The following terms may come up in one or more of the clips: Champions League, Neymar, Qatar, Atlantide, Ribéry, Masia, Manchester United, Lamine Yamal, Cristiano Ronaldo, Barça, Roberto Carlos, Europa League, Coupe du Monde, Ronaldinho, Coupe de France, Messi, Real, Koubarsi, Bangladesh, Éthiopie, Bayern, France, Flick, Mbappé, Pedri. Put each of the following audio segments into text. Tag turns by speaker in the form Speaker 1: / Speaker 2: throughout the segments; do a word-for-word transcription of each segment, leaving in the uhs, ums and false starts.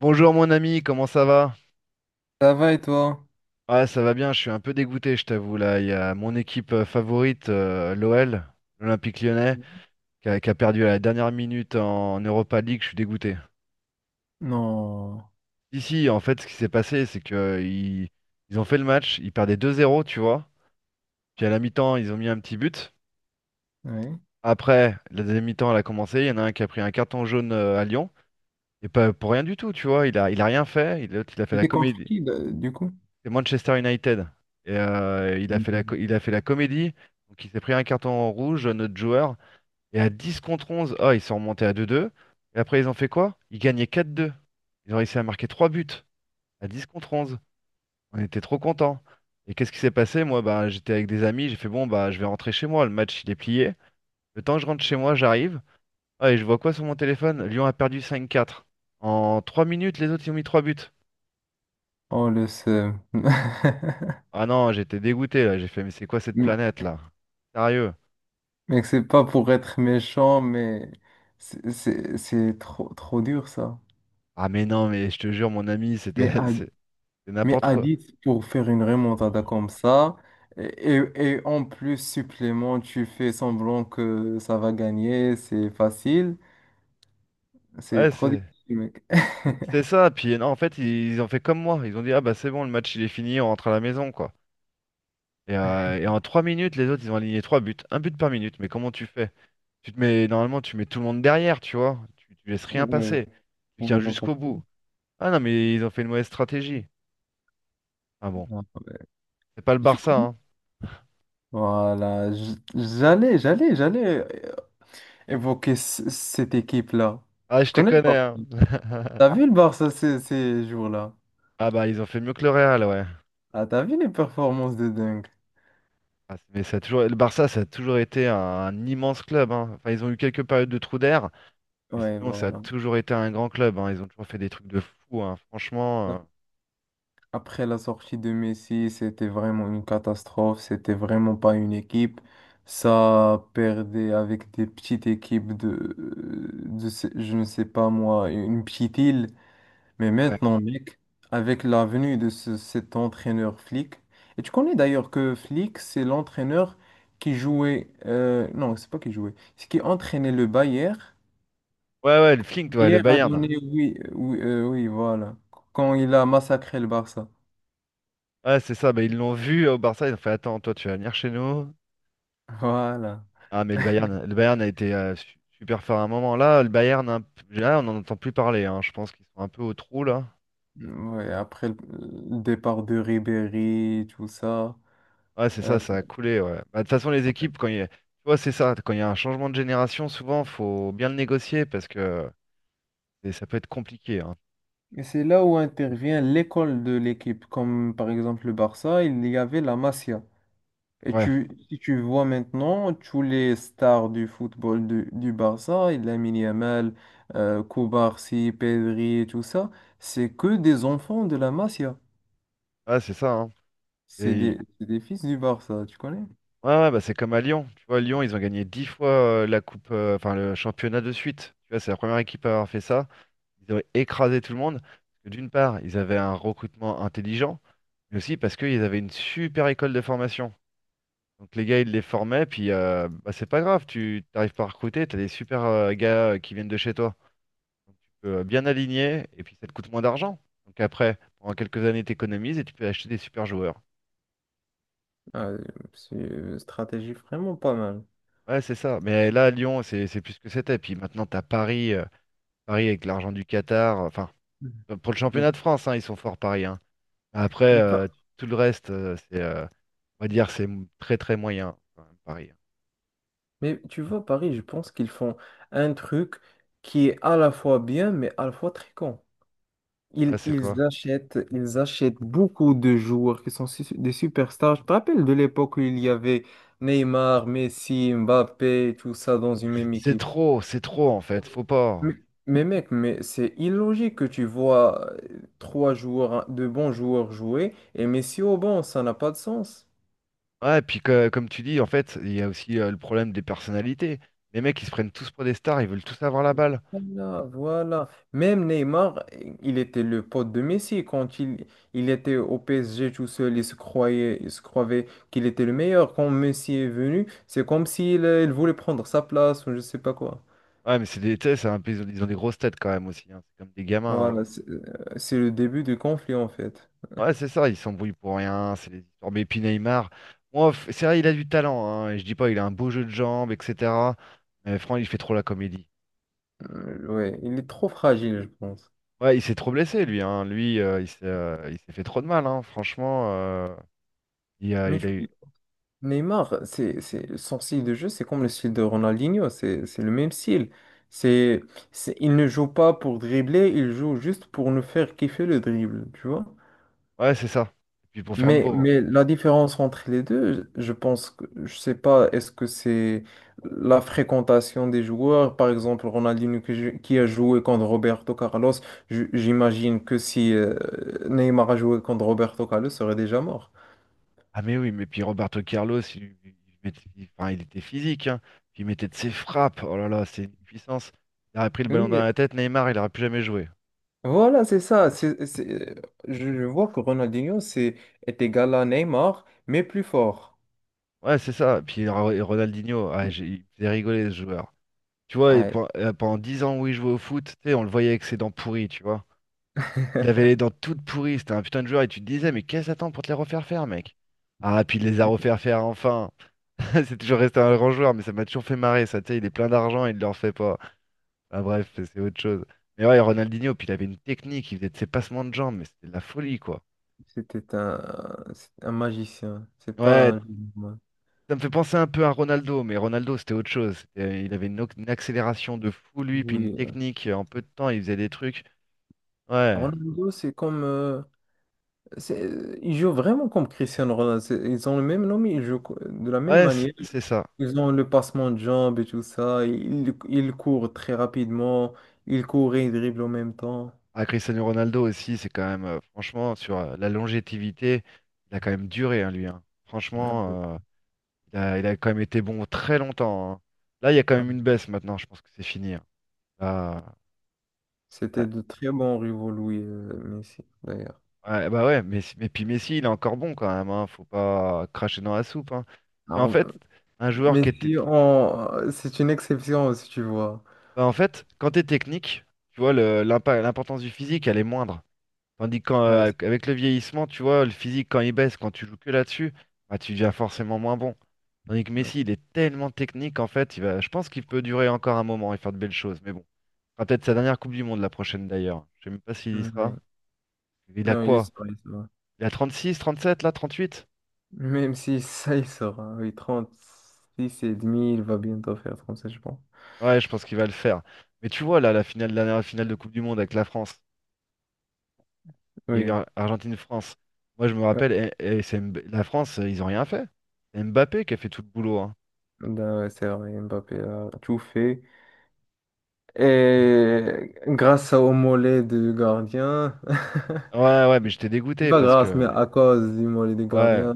Speaker 1: Bonjour mon ami, comment ça va?
Speaker 2: Ça va et toi?
Speaker 1: Ouais, ça va bien, je suis un peu dégoûté, je t'avoue. Là, il y a mon équipe euh, favorite, euh, l'O L, l'Olympique Lyonnais, qui a, qui a perdu à la dernière minute en Europa League, je suis dégoûté.
Speaker 2: Non.
Speaker 1: Si, si, en fait, ce qui s'est passé, c'est que euh, ils, ils ont fait le match, ils perdaient deux zéro, tu vois. Puis à la mi-temps, ils ont mis un petit but.
Speaker 2: Ouais.
Speaker 1: Après, la deuxième mi-temps, elle a commencé, il y en a un qui a pris un carton jaune euh, à Lyon, et pas pour rien du tout, tu vois. Il a, il a rien fait, et l'autre, il a fait la
Speaker 2: C'était contre
Speaker 1: comédie.
Speaker 2: qui là, du coup?
Speaker 1: C'est Manchester United. Et, euh, il a fait la,
Speaker 2: Mhm.
Speaker 1: co- il a fait la comédie. Donc il s'est pris un carton rouge, notre joueur. Et à dix contre onze ah, ils sont remontés à deux deux. Et après, ils ont fait quoi? Ils gagnaient quatre deux. Ils ont réussi à marquer trois buts à dix contre onze. On était trop contents. Et qu'est-ce qui s'est passé? Moi, bah, j'étais avec des amis. J'ai fait, bon, bah, je vais rentrer chez moi. Le match, il est plié. Le temps que je rentre chez moi, j'arrive. Ah, et je vois quoi sur mon téléphone? Lyon a perdu cinq quatre. En trois minutes, les autres, ils ont mis trois buts.
Speaker 2: Oh le seum.
Speaker 1: Ah non, j'étais dégoûté là. J'ai fait, mais c'est quoi cette
Speaker 2: M-
Speaker 1: planète là? Sérieux?
Speaker 2: Mec, c'est pas pour être méchant, mais c'est c'est- c'est trop, trop dur ça.
Speaker 1: Ah mais non, mais je te jure, mon ami, c'était
Speaker 2: Mais à,
Speaker 1: c'est c'est
Speaker 2: mais
Speaker 1: n'importe
Speaker 2: à
Speaker 1: quoi.
Speaker 2: dix pour faire une remontada comme ça, et, et- et en plus supplément, tu fais semblant que ça va gagner, c'est facile, c'est
Speaker 1: Ouais,
Speaker 2: trop
Speaker 1: c'est
Speaker 2: difficile, mec.
Speaker 1: c'est ça. Puis non, en fait, ils, ils ont fait comme moi. Ils ont dit, ah bah c'est bon, le match il est fini, on rentre à la maison, quoi. Et, euh, et en trois minutes, les autres, ils ont aligné trois buts. Un but par minute, mais comment tu fais? Tu te mets, normalement, tu mets tout le monde derrière, tu vois. Tu, tu laisses rien
Speaker 2: Ouais,
Speaker 1: passer. Tu
Speaker 2: on
Speaker 1: tiens
Speaker 2: est dans
Speaker 1: jusqu'au bout. Ah non, mais ils ont fait une mauvaise stratégie. Ah bon,
Speaker 2: Ah, ouais.
Speaker 1: c'est pas le
Speaker 2: Et tu
Speaker 1: Barça, hein.
Speaker 2: voilà, j- j'allais, j'allais, j'allais euh, évoquer c- cette équipe-là.
Speaker 1: Ah,
Speaker 2: Tu
Speaker 1: je te
Speaker 2: connais le
Speaker 1: connais,
Speaker 2: Barça?
Speaker 1: hein.
Speaker 2: T'as vu le Barça ces, ces jours-là?
Speaker 1: Ah bah ils ont fait mieux que le Real, ouais.
Speaker 2: Ah, t'as vu les performances de dingue?
Speaker 1: Ah, c'est- mais ça a toujours... Le Barça, ça a toujours été un, un immense club. Hein. Enfin, ils ont eu quelques périodes de trous d'air, mais
Speaker 2: Ouais,
Speaker 1: sinon, ça a
Speaker 2: voilà.
Speaker 1: toujours été un grand club. Hein. Ils ont toujours fait des trucs de fou. Hein. Franchement, euh,
Speaker 2: Après la sortie de Messi, c'était vraiment une catastrophe. C'était vraiment pas une équipe. Ça perdait avec des petites équipes de, euh, de ce- je ne sais pas moi, une petite île. Mais
Speaker 1: ouais.
Speaker 2: maintenant, mec, avec la venue de ce- cet entraîneur Flick, et tu connais d'ailleurs que Flick, c'est l'entraîneur qui jouait, euh, non, c'est pas qui jouait, c'est qui entraînait le Bayern.
Speaker 1: Ouais, ouais, le Flink, ouais, le
Speaker 2: Hier a
Speaker 1: Bayern.
Speaker 2: donné, oui, oui, euh, oui, voilà, quand il a massacré le Barça.
Speaker 1: Ouais, c'est ça. Bah, ils l'ont vu au Barça. Ils ont fait, attends, toi, tu vas venir chez nous.
Speaker 2: Voilà.
Speaker 1: Ah, mais le Bayern, le Bayern a été euh, su- super fort à un moment. Là, le Bayern, un p- là, on n'en entend plus parler. Hein. Je pense qu'ils sont un peu au trou, là.
Speaker 2: Ouais, après le le départ de Ribéry, tout ça.
Speaker 1: Ouais, c'est
Speaker 2: euh,
Speaker 1: ça, ça a coulé. Ouais. Bah, de toute façon, les
Speaker 2: ouais.
Speaker 1: équipes, quand il y a... Tu vois, c'est ça. Quand il y a un changement de génération, souvent, faut bien le négocier parce que. Et ça peut être compliqué, hein.
Speaker 2: Et c'est là où intervient l'école de l'équipe. Comme par exemple le Barça, il y avait la Masia. Et
Speaker 1: Ouais,
Speaker 2: tu, si tu vois maintenant, tous les stars du football du, du Barça, Lamine Yamal, euh, Koubarsi, Pedri, et tout ça, c'est que des enfants de la Masia.
Speaker 1: ah, c'est ça, hein.
Speaker 2: C'est
Speaker 1: Et... il-
Speaker 2: des, c'est des fils du Barça, tu connais?
Speaker 1: Ouais, ouais, bah, c'est comme à Lyon. Tu vois, Lyon, ils ont gagné dix fois euh, la coupe, euh, enfin le championnat de suite. Tu vois, c'est la première équipe à avoir fait ça. Ils ont écrasé tout le monde. Parce que d'une part, ils avaient un recrutement intelligent, mais aussi parce qu'ils avaient une super école de formation. Donc les gars, ils les formaient, puis euh, bah, c'est pas grave, tu t'arrives pas à recruter, t'as des super euh, gars euh, qui viennent de chez toi. Donc tu peux euh, bien aligner, et puis ça te coûte moins d'argent. Donc après, pendant quelques années, t'économises et tu peux acheter des super joueurs.
Speaker 2: Ah, c'est une stratégie vraiment pas mal.
Speaker 1: Ouais, c'est ça. Mais là, Lyon, c'est c'est plus ce que c'était. Puis maintenant, t'as Paris, euh, Paris avec l'argent du Qatar. Enfin,
Speaker 2: Mhm.
Speaker 1: euh, pour le
Speaker 2: Mais,
Speaker 1: championnat de France, hein, ils sont forts Paris. Hein. Après,
Speaker 2: mais pas-
Speaker 1: euh, tout le reste, euh, c'est, euh, on va dire, c'est m- très très moyen quand même, Paris. Hein.
Speaker 2: Mais tu vois, Paris, je pense qu'ils font un truc qui est à la fois bien, mais à la fois très con.
Speaker 1: Ouais,
Speaker 2: Ils,
Speaker 1: c'est
Speaker 2: ils
Speaker 1: quoi?
Speaker 2: achètent, ils achètent beaucoup de joueurs qui sont su- des superstars. Je te rappelle de l'époque où il y avait Neymar, Messi, Mbappé, tout ça dans une même
Speaker 1: C'est
Speaker 2: équipe.
Speaker 1: trop, c'est trop en fait. Faut pas.
Speaker 2: Mais, mais mec, mais c'est illogique que tu vois euh, trois joueurs, de bons joueurs jouer et Messi au banc, ça n'a pas de sens.
Speaker 1: Ouais, puis que- comme tu dis, en fait, il y a aussi euh, le problème des personnalités. Les mecs, ils se prennent tous pour des stars, ils veulent tous avoir la balle.
Speaker 2: Voilà, voilà. Même Neymar, il était le pote de Messi quand il, il était au P S G tout seul, il se croyait, il se croyait qu'il était le meilleur. Quand Messi est venu, c'est comme s'il euh, il voulait prendre sa place ou je sais pas quoi.
Speaker 1: Ouais, mais c'est des, tu sais, c'est un peu- ils ont ils ont des grosses têtes quand même aussi. Hein. C'est comme des
Speaker 2: Voilà,
Speaker 1: gamins. Hein.
Speaker 2: c'est euh, c'est le début du conflit en fait.
Speaker 1: Ouais, c'est ça, il s'embrouille pour rien, c'est les histoires. Mais puis Neymar, moi, f- c'est vrai, il a du talent, hein, et je dis pas, il a un beau jeu de jambes, et cetera. Mais franchement, il fait trop la comédie.
Speaker 2: Euh, ouais, il est trop fragile, je pense.
Speaker 1: Ouais, il s'est trop blessé, lui, hein. Lui, euh, il s'est euh, il s'est fait trop de mal, hein. Franchement, euh, il a,
Speaker 2: Mais
Speaker 1: il
Speaker 2: tu
Speaker 1: a eu.
Speaker 2: Neymar, c'est, c'est, son style de jeu, c'est comme le style de Ronaldinho, c'est, c'est le même style. C'est, c'est- il ne joue pas pour dribbler, il joue juste pour nous faire kiffer le dribble, tu vois.
Speaker 1: Ouais, c'est ça. Et puis pour faire le
Speaker 2: Mais,
Speaker 1: beau. Hein.
Speaker 2: mais la différence entre les deux, je pense que, je sais pas, est-ce que c'est la fréquentation des joueurs, par exemple Ronaldinho que j'ai- qui a joué contre Roberto Carlos, j- j'imagine que si euh, Neymar a joué contre Roberto Carlos, il serait déjà mort.
Speaker 1: Ah, mais oui, mais puis Roberto Carlos, il, il il mettait- il- enfin, il était physique, hein. Puis il mettait de ses frappes. Oh là là, c'est une puissance. Il aurait pris le
Speaker 2: Oui,
Speaker 1: ballon dans
Speaker 2: mais
Speaker 1: la tête, Neymar, il aurait plus jamais joué.
Speaker 2: voilà, c'est ça. C'est, c'est- Je je vois que Ronaldinho c'est, est égal à Neymar, mais plus fort.
Speaker 1: Ouais, c'est ça. Puis Ro- Ronaldinho, ah, j'ai- il faisait rigoler ce joueur. Tu vois, et
Speaker 2: Ah,
Speaker 1: pen- euh, pendant dix ans où il jouait au foot, tu sais, on le voyait avec ses dents pourries, tu vois. Il avait les dents toutes pourries, c'était un putain de joueur, et tu te disais, mais qu'est-ce que t'attends pour te les refaire faire, mec? Ah, puis il les a refaire faire enfin. C'est toujours resté un grand joueur, mais ça m'a toujours fait marrer, ça, tu sais, il est plein d'argent, il ne le refait pas. Ah, bref, c'est autre chose. Mais ouais, Ronaldinho, puis il avait une technique, il faisait de ses passements de jambes, mais c'était de la folie, quoi.
Speaker 2: C'était un, c'est un magicien. C'est pas
Speaker 1: Ouais,
Speaker 2: un joueur.
Speaker 1: ça me fait penser un peu à Ronaldo, mais Ronaldo, c'était autre chose. C'était- Il avait une, o- une accélération de fou, lui, puis une
Speaker 2: Oui.
Speaker 1: technique, euh, en peu de temps, il faisait des trucs. Ouais.
Speaker 2: Ronaldo, c'est comme euh, c'est- il joue vraiment comme Cristiano Ronaldo. C'est- Ils ont le même nom, mais ils jouent co- de la même
Speaker 1: Ouais, c-
Speaker 2: manière.
Speaker 1: c'est ça.
Speaker 2: Ils ont le passement de jambes et tout ça. Ils, ils courent très rapidement. Ils courent et ils dribblent en même temps.
Speaker 1: Ah, Cristiano Ronaldo aussi, c'est quand même, euh, franchement, sur euh, la longévité, il a quand même duré, hein, lui. Hein.
Speaker 2: Ouais.
Speaker 1: Franchement, euh, il a, il a quand même été bon très longtemps. Hein. Là, il y a quand
Speaker 2: Ouais.
Speaker 1: même une baisse maintenant, je pense que c'est fini. Hein. Là, là-
Speaker 2: C'était de très bons rivaux, Louis euh, Messi, d'ailleurs.
Speaker 1: ouais, bah ouais, mais, mais puis Messi, il est encore bon quand même, hein. Faut pas cracher dans la soupe. Hein. Parce qu'en
Speaker 2: Alors,
Speaker 1: fait, un joueur
Speaker 2: mais
Speaker 1: qui était.
Speaker 2: si on... C'est une exception, si tu vois.
Speaker 1: Bah, en fait, quand t'es technique, tu vois, le- l'impa- l'importance du physique, elle est moindre. Tandis
Speaker 2: Ouais, c'est-
Speaker 1: qu'avec le vieillissement, tu vois, le physique, quand il baisse, quand tu joues que là-dessus, bah, tu deviens forcément moins bon. Tandis que
Speaker 2: ouais.
Speaker 1: Messi, il est tellement technique, en fait, il va, je pense qu'il peut durer encore un moment et faire de belles choses. Mais bon, ce sera peut-être sa dernière Coupe du Monde, la prochaine d'ailleurs. Je sais même pas s'il y
Speaker 2: Mm, oui.
Speaker 1: sera. Il a
Speaker 2: Non, il
Speaker 1: quoi?
Speaker 2: sort, il sort.
Speaker 1: Il a trente-six, trente-sept, là, trente-huit?
Speaker 2: Même si ça, il sort, hein. Oui, six et demi, il va bientôt faire trente-sept, je pense.
Speaker 1: Ouais, je pense qu'il va le faire. Mais tu vois, là, la finale, la dernière finale de Coupe du Monde avec la France, il y a eu
Speaker 2: Oui.
Speaker 1: Ar- Argentine-France. Moi, je me
Speaker 2: Ouais.
Speaker 1: rappelle, et, et c'est Mb- la France, ils ont rien fait. C'est Mbappé qui a fait tout le boulot, hein.
Speaker 2: Ben ouais, c'est vrai, Mbappé a tout fait. Et grâce au mollet du gardien,
Speaker 1: Ouais, ouais, mais j'étais
Speaker 2: c'est
Speaker 1: dégoûté
Speaker 2: pas
Speaker 1: parce
Speaker 2: grâce,
Speaker 1: que.
Speaker 2: mais à cause du mollet du
Speaker 1: Ouais,
Speaker 2: gardien,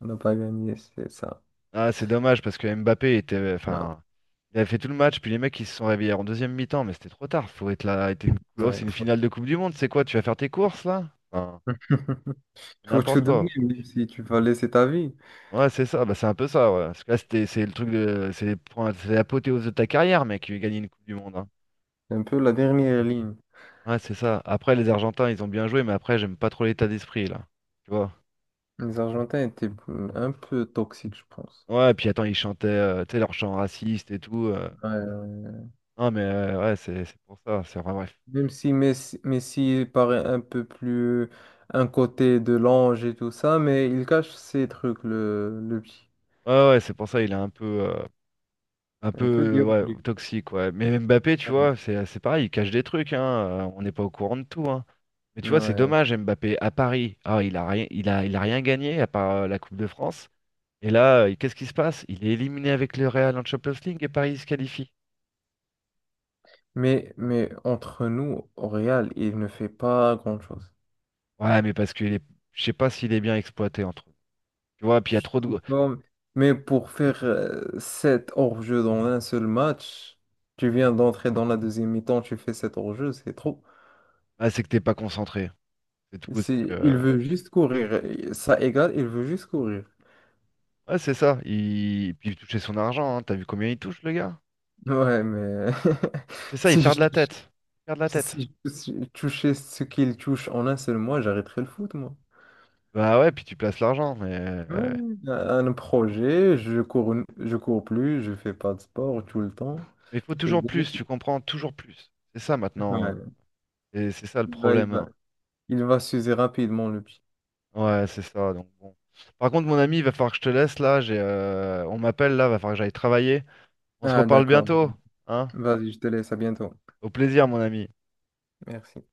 Speaker 2: on n'a pas gagné, c'est ça.
Speaker 1: ah, c'est dommage parce que Mbappé était.
Speaker 2: Ah,
Speaker 1: Enfin, il a fait tout le match, puis les mecs ils se sont réveillés en deuxième mi-temps, mais c'était trop tard. Faut être là. être une- oh,
Speaker 2: ouais.
Speaker 1: c'est une finale de Coupe du Monde, c'est quoi? Tu vas faire tes courses là? Enfin,
Speaker 2: Faut tout
Speaker 1: n'importe
Speaker 2: donner,
Speaker 1: quoi.
Speaker 2: même si tu vas laisser ta vie.
Speaker 1: Ouais, c'est ça, bah, c'est un peu ça, ouais. Parce que là, c'était, c'est le truc de. C'est les points, c'est l'apothéose de ta carrière, mec, qui gagné une Coupe du Monde. Hein.
Speaker 2: C'est un peu la dernière ligne.
Speaker 1: Ouais, c'est ça. Après, les Argentins, ils ont bien joué, mais après, j'aime pas trop l'état d'esprit là. Tu vois?
Speaker 2: Les Argentins étaient un peu toxiques, je pense.
Speaker 1: Ouais, et puis attends, ils chantaient, euh, tu sais, leur chant raciste et tout. euh.
Speaker 2: Ouais, ouais.
Speaker 1: Non, mais euh, ouais, c'est c'est pour ça, c'est vrai, bref.
Speaker 2: Même si Messi, Messi paraît un peu plus un côté de l'ange et tout ça, mais il cache ses trucs, le, le petit.
Speaker 1: Ouais, ouais, c'est pour ça, il est un peu, euh, un peu
Speaker 2: Un peu
Speaker 1: euh, ouais,
Speaker 2: diabolique.
Speaker 1: toxique, ouais. Mais Mbappé, tu
Speaker 2: Ouais.
Speaker 1: vois, c'est c'est pareil, il cache des trucs, hein. Euh, on n'est pas au courant de tout, hein. Mais tu vois, c'est
Speaker 2: Ouais.
Speaker 1: dommage, Mbappé, à Paris, ah, il a rien, il a, il a rien gagné à part euh, la Coupe de France. Et là, euh, qu'est-ce qui se passe? Il est éliminé avec le Real en Champions League et Paris se qualifie.
Speaker 2: Mais, mais entre nous, au Real, il ne fait pas grand-chose.
Speaker 1: Ouais, mais parce que est, je sais pas s'il est bien exploité entre eux. Tu vois, puis il y a trop
Speaker 2: Je sais
Speaker 1: de.
Speaker 2: pas, bon. Mais pour faire euh, sept hors-jeu dans un seul match, tu viens d'entrer dans la deuxième mi-temps, tu fais sept hors-jeu, c'est trop.
Speaker 1: Ah, c'est que t'es pas concentré. C'est tout. C'est
Speaker 2: C'est, il
Speaker 1: que.
Speaker 2: veut juste courir. Ça égale, il veut juste courir.
Speaker 1: Ouais, c'est ça. Il... Puis il touchait son argent, hein. T'as vu combien il touche, le gars?
Speaker 2: Ouais, mais
Speaker 1: C'est ça, ils
Speaker 2: si
Speaker 1: perdent
Speaker 2: je
Speaker 1: la
Speaker 2: touche-
Speaker 1: tête. Ils perdent la tête.
Speaker 2: si je touche- touchais ce qu'il touche en un seul mois, j'arrêterais le foot, moi.
Speaker 1: Bah ouais, puis tu places l'argent, mais
Speaker 2: Ouais,
Speaker 1: euh,
Speaker 2: un un projet, je cours, une- je cours plus, je fais pas de sport tout le temps.
Speaker 1: mais il faut
Speaker 2: C'est
Speaker 1: toujours plus, tu
Speaker 2: bénéfique.
Speaker 1: comprends, toujours plus. C'est ça maintenant.
Speaker 2: Ouais.
Speaker 1: Et c'est ça le
Speaker 2: Il va, il va,
Speaker 1: problème.
Speaker 2: il va s'user rapidement, le pied.
Speaker 1: Ouais, c'est ça. Donc bon. Par contre, mon ami, il va falloir que je te laisse là. J'ai, euh, on m'appelle là, va falloir que j'aille travailler. On se
Speaker 2: Ah,
Speaker 1: reparle
Speaker 2: d'accord.
Speaker 1: bientôt, hein?
Speaker 2: Vas-y, je te laisse. À bientôt.
Speaker 1: Au plaisir, mon ami.
Speaker 2: Merci.